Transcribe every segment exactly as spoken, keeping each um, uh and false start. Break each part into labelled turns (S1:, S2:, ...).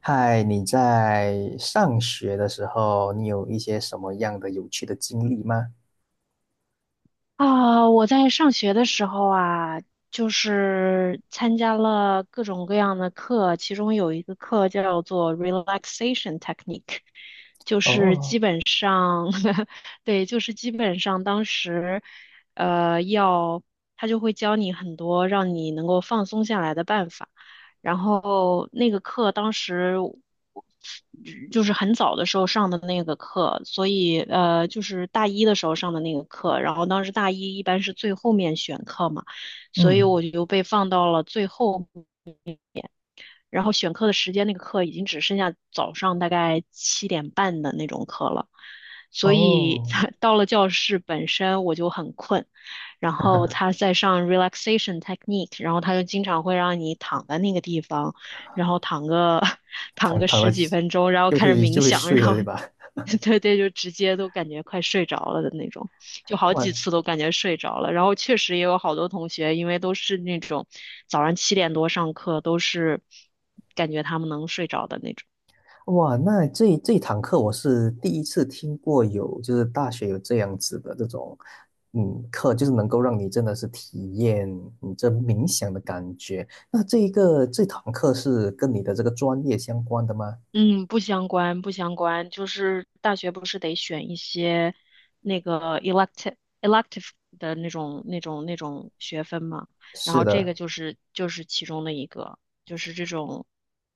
S1: 嗨，你在上学的时候，你有一些什么样的有趣的经历吗？
S2: 啊，我在上学的时候啊，就是参加了各种各样的课，其中有一个课叫做 relaxation technique，
S1: 哦。
S2: 本上，对，就是基本上当时，呃，要他就会教你很多让你能够放松下来的办法。然后那个课当时我就是很早的时候上的那个课，所以呃，就是大一的时候上的那个课。然后当时大一一般是最后面选课嘛，所以
S1: 嗯。
S2: 我就被放到了最后。然后选课的时间，那个课已经只剩下早上大概七点半的那种课了，所以
S1: 哦。
S2: 到了教室本身我就很困。然后他在上 relaxation technique，然后他就经常会让你躺在那个地方，然后躺个 躺
S1: 躺
S2: 个
S1: 躺了
S2: 十几分钟，然后
S1: 就
S2: 开始
S1: 会就
S2: 冥
S1: 会
S2: 想，
S1: 睡
S2: 然
S1: 了，
S2: 后
S1: 对吧？
S2: 对对，就直接都感觉快睡着了的那种，就好
S1: 哇。
S2: 几次都感觉睡着了。然后确实也有好多同学，因为都是那种早上七点多上课，都是感觉他们能睡着的那种。
S1: 哇，那这这堂课我是第一次听过有，就是大学有这样子的这种，嗯，课就是能够让你真的是体验你这冥想的感觉。那这一个这堂课是跟你的这个专业相关的吗？
S2: 嗯，不相关，不相关，就是大学不是得选一些那个 elective elective 的那种那种那种学分嘛，然
S1: 是
S2: 后这个
S1: 的。
S2: 就是就是其中的一个，就是这种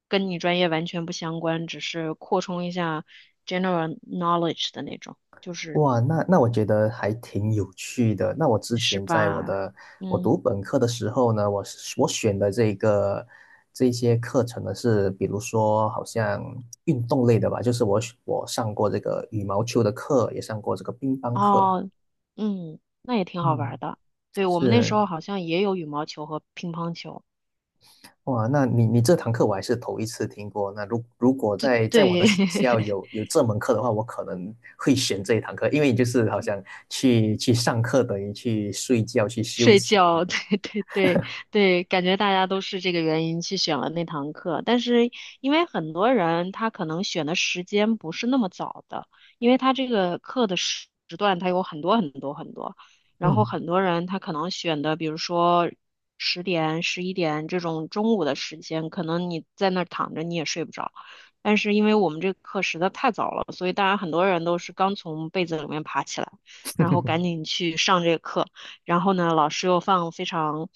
S2: 跟你专业完全不相关，只是扩充一下 general knowledge 的那种，就是
S1: 哇，那那我觉得还挺有趣的。那我之
S2: 是
S1: 前在我
S2: 吧？
S1: 的我
S2: 嗯，
S1: 读本科的时候呢，我是我选的这个这些课程呢是，比如说好像运动类的吧，就是我选我上过这个羽毛球的课，也上过这个乒乓课。
S2: 哦，嗯，那也挺好玩
S1: 嗯。
S2: 儿的。对，我们那时
S1: 是。
S2: 候好像也有羽毛球和乒乓球，
S1: 哇，那你你这堂课我还是头一次听过。那如如果在在我的
S2: 对。
S1: 学校 有有这门课的话，我可能会选这一堂课，因为就是好像去去上课等于去睡觉去休
S2: 睡
S1: 息。这
S2: 觉，
S1: 样子。
S2: 对对对对，感觉大家都是这个原因去选了那堂课，但是因为很多人他可能选的时间不是那么早的，因为他这个课的时时段他有很多很多很多，然后
S1: 嗯。
S2: 很多人他可能选的，比如说十点、十一点这种中午的时间，可能你在那儿躺着你也睡不着，但是因为我们这个课实在太早了，所以当然很多人都是刚从被子里面爬起来，然后赶 紧去上这个课。然后呢，老师又放非常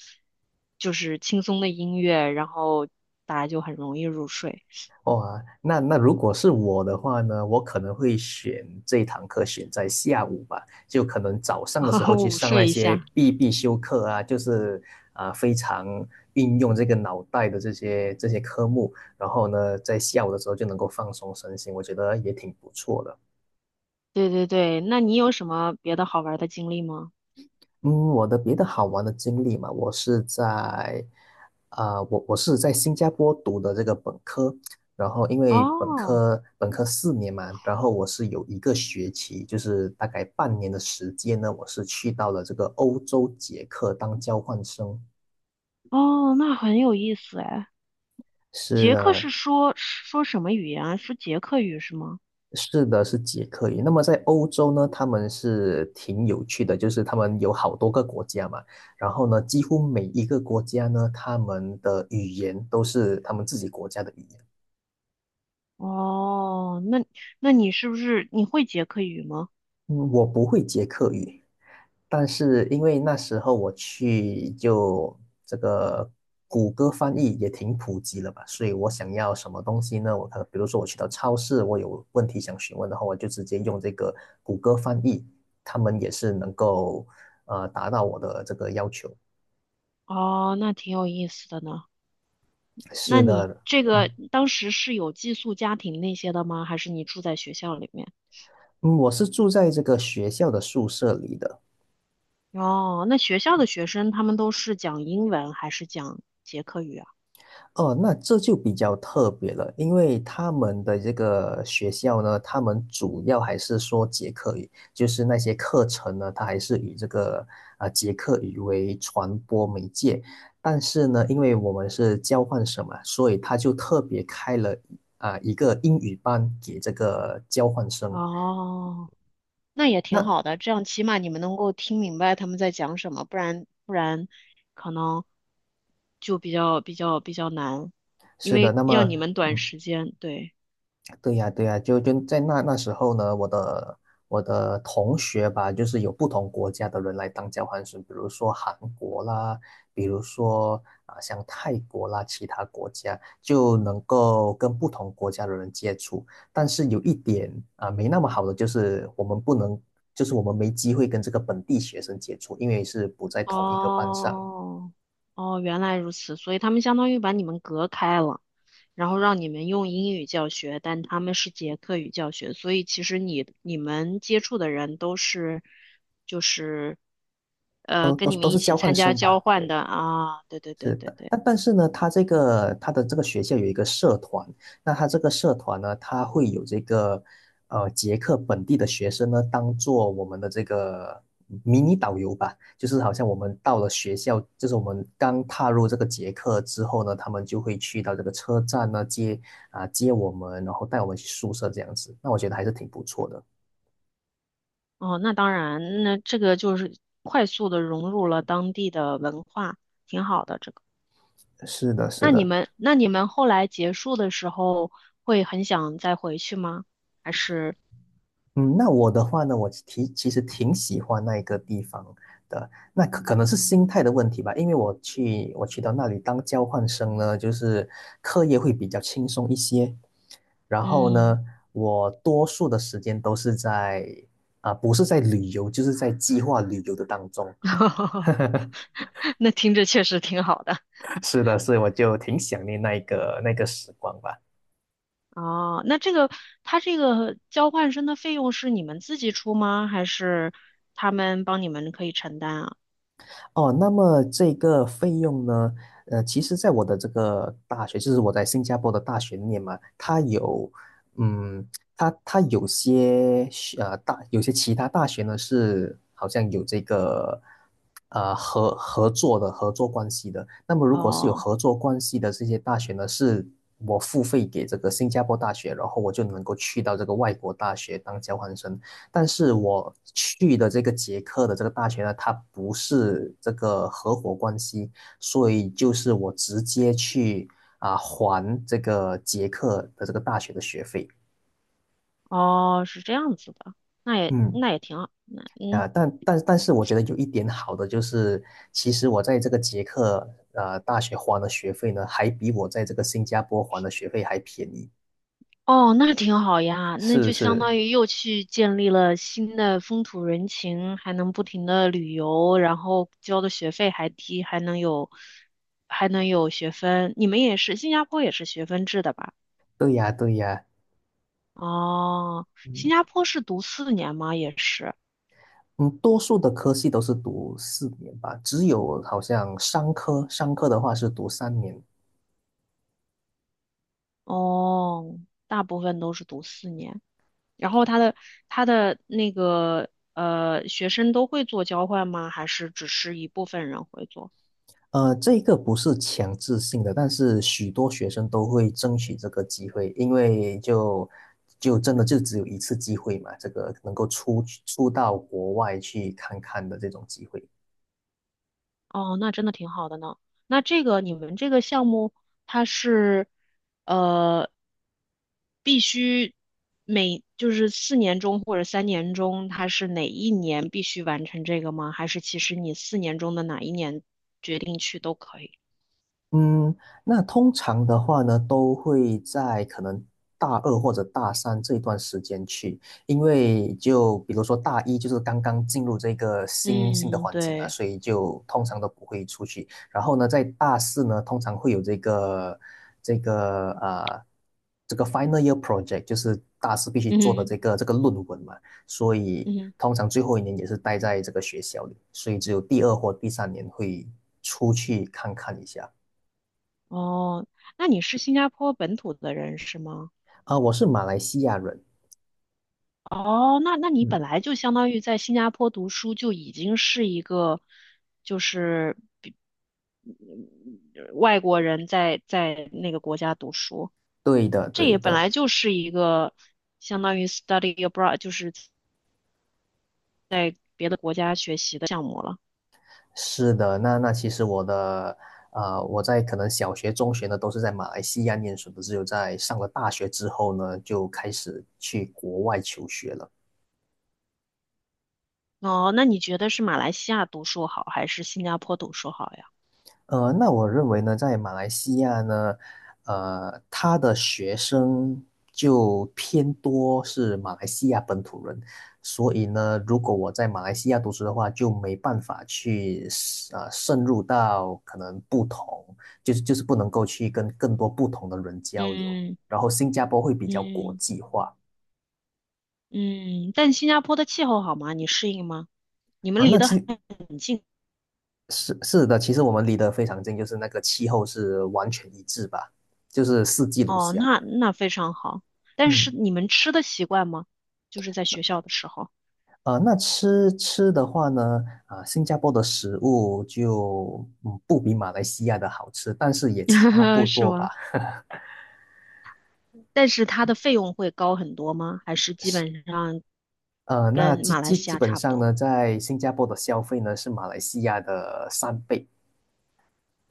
S2: 就是轻松的音乐，然后大家就很容易入睡，
S1: 哇，那那如果是我的话呢，我可能会选这一堂课选在下午吧，就可能早上的时候 去
S2: 午
S1: 上那
S2: 睡一
S1: 些
S2: 下。
S1: 必必修课啊，就是啊、非常运用这个脑袋的这些这些科目，然后呢在下午的时候就能够放松身心，我觉得也挺不错的。
S2: 对对对，那你有什么别的好玩的经历吗？
S1: 嗯，我的别的好玩的经历嘛，我是在，啊、我我是在新加坡读的这个本科，然后因为本
S2: 哦
S1: 科本科四年嘛，然后我是有一个学期，就是大概半年的时间呢，我是去到了这个欧洲捷克当交换生。
S2: 哦，那很有意思哎。
S1: 是
S2: 捷克
S1: 的。
S2: 是说说什么语言啊？说捷克语是吗？
S1: 是的，是捷克语。那么在欧洲呢，他们是挺有趣的，就是他们有好多个国家嘛，然后呢，几乎每一个国家呢，他们的语言都是他们自己国家的语言。
S2: 哦，那那你是不是你会捷克语吗？
S1: 嗯，我不会捷克语，但是因为那时候我去就这个谷歌翻译也挺普及了吧，所以我想要什么东西呢？我可能比如说我去到超市，我有问题想询问的话，我就直接用这个谷歌翻译，他们也是能够呃达到我的这个要求。
S2: 哦，那挺有意思的呢。
S1: 是
S2: 那你
S1: 的。
S2: 这个
S1: 嗯。
S2: 当时是有寄宿家庭那些的吗？还是你住在学校里面？
S1: 嗯，我是住在这个学校的宿舍里的。
S2: 哦，那学校的学生他们都是讲英文还是讲捷克语啊？
S1: 哦，那这就比较特别了，因为他们的这个学校呢，他们主要还是说捷克语，就是那些课程呢，它还是以这个啊、呃捷克语为传播媒介。但是呢，因为我们是交换生嘛，所以他就特别开了啊、一个英语班给这个交换生。
S2: 哦，那也挺好
S1: 那
S2: 的，这样起码你们能够听明白他们在讲什么，不然不然可能就比较比较比较难，因
S1: 是的，
S2: 为
S1: 那
S2: 要
S1: 么
S2: 你们短
S1: 嗯，
S2: 时间，对，
S1: 对呀，对呀，就就在那那时候呢，我的我的同学吧，就是有不同国家的人来当交换生，比如说韩国啦，比如说啊、像泰国啦，其他国家就能够跟不同国家的人接触。但是有一点啊、没那么好的就是我们不能，就是我们没机会跟这个本地学生接触，因为是不在同一个班上。
S2: 哦哦，原来如此，所以他们相当于把你们隔开了。然后让你们用英语教学，但他们是捷克语教学，所以其实你你们接触的人都是就是呃
S1: 都
S2: 跟
S1: 都
S2: 你
S1: 是都
S2: 们一
S1: 是
S2: 起
S1: 交换
S2: 参加
S1: 生
S2: 交
S1: 吧，
S2: 换
S1: 对。
S2: 的啊，对对对
S1: 是
S2: 对
S1: 的，
S2: 对，
S1: 但但是呢，他这个他的这个学校有一个社团，那他这个社团呢，他会有这个呃捷克本地的学生呢，当做我们的这个迷你导游吧，就是好像我们到了学校，就是我们刚踏入这个捷克之后呢，他们就会去到这个车站呢接啊接我们，然后带我们去宿舍这样子，那我觉得还是挺不错的。
S2: 哦，那当然，那这个就是快速的融入了当地的文化，挺好的这个。
S1: 是的，是
S2: 那你
S1: 的。
S2: 们那你们后来结束的时候会很想再回去吗？还是
S1: 嗯，那我的话呢，我其其实挺喜欢那一个地方的，那可可能是心态的问题吧，因为我去我去到那里当交换生呢，就是课业会比较轻松一些，然后
S2: 嗯，
S1: 呢，我多数的时间都是在啊、不是在旅游，就是在计划旅游的当中。
S2: 那听着确实挺好的。
S1: 是的，所以我就挺想念那一个那个时光吧。
S2: 哦，那这个他这个交换生的费用是你们自己出吗？还是他们帮你们可以承担啊？
S1: 哦，那么这个费用呢？呃，其实，在我的这个大学，就是我在新加坡的大学里面嘛，它有，嗯，它它有些学呃大有些其他大学呢是好像有这个呃合合作的合作关系的。那么，如果是有
S2: 哦
S1: 合作关系的这些大学呢，是我付费给这个新加坡大学，然后我就能够去到这个外国大学当交换生。但是我去的这个捷克的这个大学呢，它不是这个合伙关系，所以就是我直接去啊、还这个捷克的这个大学的学费。
S2: 哦，是这样子的，那也
S1: 嗯，
S2: 那也挺好，那嗯
S1: 啊、但但但是我觉得有一点好的就是，其实我在这个捷克呃大学还的学费呢，还比我在这个新加坡还的学费还便宜。
S2: 哦，那挺好呀，那
S1: 是
S2: 就相
S1: 是。
S2: 当于又去建立了新的风土人情，还能不停的旅游，然后交的学费还低，还能有还能有学分。你们也是，新加坡也是学分制的吧？
S1: 对呀对呀。
S2: 哦，新
S1: 嗯。
S2: 加坡是读四年吗？也是。
S1: 嗯，多数的科系都是读四年吧，只有好像商科，商科的话是读三年。
S2: 哦，大部分都是读四年，然后他的他的那个呃，学生都会做交换吗？还是只是一部分人会做？
S1: 呃，这个不是强制性的，但是许多学生都会争取这个机会，因为就就真的就只有一次机会嘛，这个能够出去出到国外去看看的这种机会。
S2: 哦，那真的挺好的呢。那这个你们这个项目，它是呃必须每就是四年中或者三年中，它是哪一年必须完成这个吗？还是其实你四年中的哪一年决定去都可以？
S1: 嗯，那通常的话呢，都会在可能大二或者大三这一段时间去，因为就比如说大一就是刚刚进入这个新新的
S2: 嗯，
S1: 环境啊，
S2: 对，
S1: 所以就通常都不会出去。然后呢，在大四呢，通常会有这个这个呃这个 final year project,就是大四必须做的
S2: 嗯
S1: 这个这个论文嘛，所以
S2: 嗯。
S1: 通常最后一年也是待在这个学校里，所以只有第二或第三年会出去看看一下。
S2: 哦，那你是新加坡本土的人是吗？
S1: 啊，我是马来西亚人。
S2: 哦，那那你
S1: 嗯，
S2: 本来就相当于在新加坡读书，就已经是一个就是嗯外国人在在那个国家读书，
S1: 对的，
S2: 这
S1: 对
S2: 也本
S1: 的。
S2: 来就是一个相当于 study abroad,就是别的国家学习的项目了。
S1: 是的。那那其实我的，呃，我在可能小学、中学呢都是在马来西亚念书的，只有在上了大学之后呢，就开始去国外求学了。
S2: 哦，那你觉得是马来西亚读书好，还是新加坡读书好呀？
S1: 呃，那我认为呢，在马来西亚呢，呃，他的学生就偏多是马来西亚本土人，所以呢，如果我在马来西亚读书的话，就没办法去呃渗入到可能不同，就是就是不能够去跟更多不同的人交流。
S2: 嗯
S1: 然后新加坡会比较国
S2: 嗯
S1: 际化。
S2: 嗯，但新加坡的气候好吗？你适应吗？你们
S1: 啊，
S2: 离
S1: 那
S2: 得
S1: 其
S2: 很近。
S1: 是是的，其实我们离得非常近，就是那个气候是完全一致吧，就是四季如
S2: 哦，
S1: 夏。
S2: 那那非常好。但是
S1: 嗯。
S2: 你们吃的习惯吗？就是在学校的时候，
S1: 啊呃那吃吃的话呢，啊、新加坡的食物就嗯不比马来西亚的好吃，但是也差不
S2: 是
S1: 多吧。
S2: 吗？但是它的费用会高很多吗？还是基
S1: 是，
S2: 本上
S1: 呃，那
S2: 跟
S1: 基
S2: 马来
S1: 基
S2: 西
S1: 基
S2: 亚
S1: 本
S2: 差不
S1: 上呢，
S2: 多？
S1: 在新加坡的消费呢是马来西亚的三倍。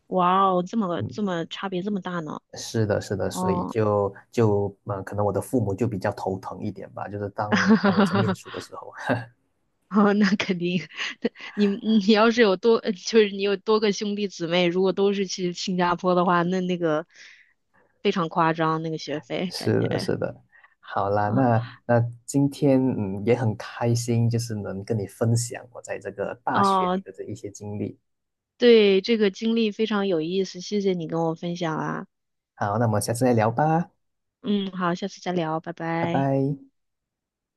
S2: 哇哦，这么
S1: 嗯，
S2: 这么差别这么大呢？
S1: 是的，是的，所以
S2: 哦，
S1: 就就嗯、呃可能我的父母就比较头疼一点吧，就是当当我在念书 的时候。
S2: 哦，那肯定。你你要是有多，呃就是你有多个兄弟姊妹，如果都是去新加坡的话，那那个非常夸张，那个学费感
S1: 是的，
S2: 觉。
S1: 是的，好啦，那 那今天嗯也很开心，就是能跟你分享我在这个大学
S2: 哦，
S1: 里的这一些经历。
S2: 对，这个经历非常有意思，谢谢你跟我分享啊。
S1: 好，那我们下次再聊吧，
S2: 嗯，好，下次再聊，拜
S1: 拜
S2: 拜。
S1: 拜。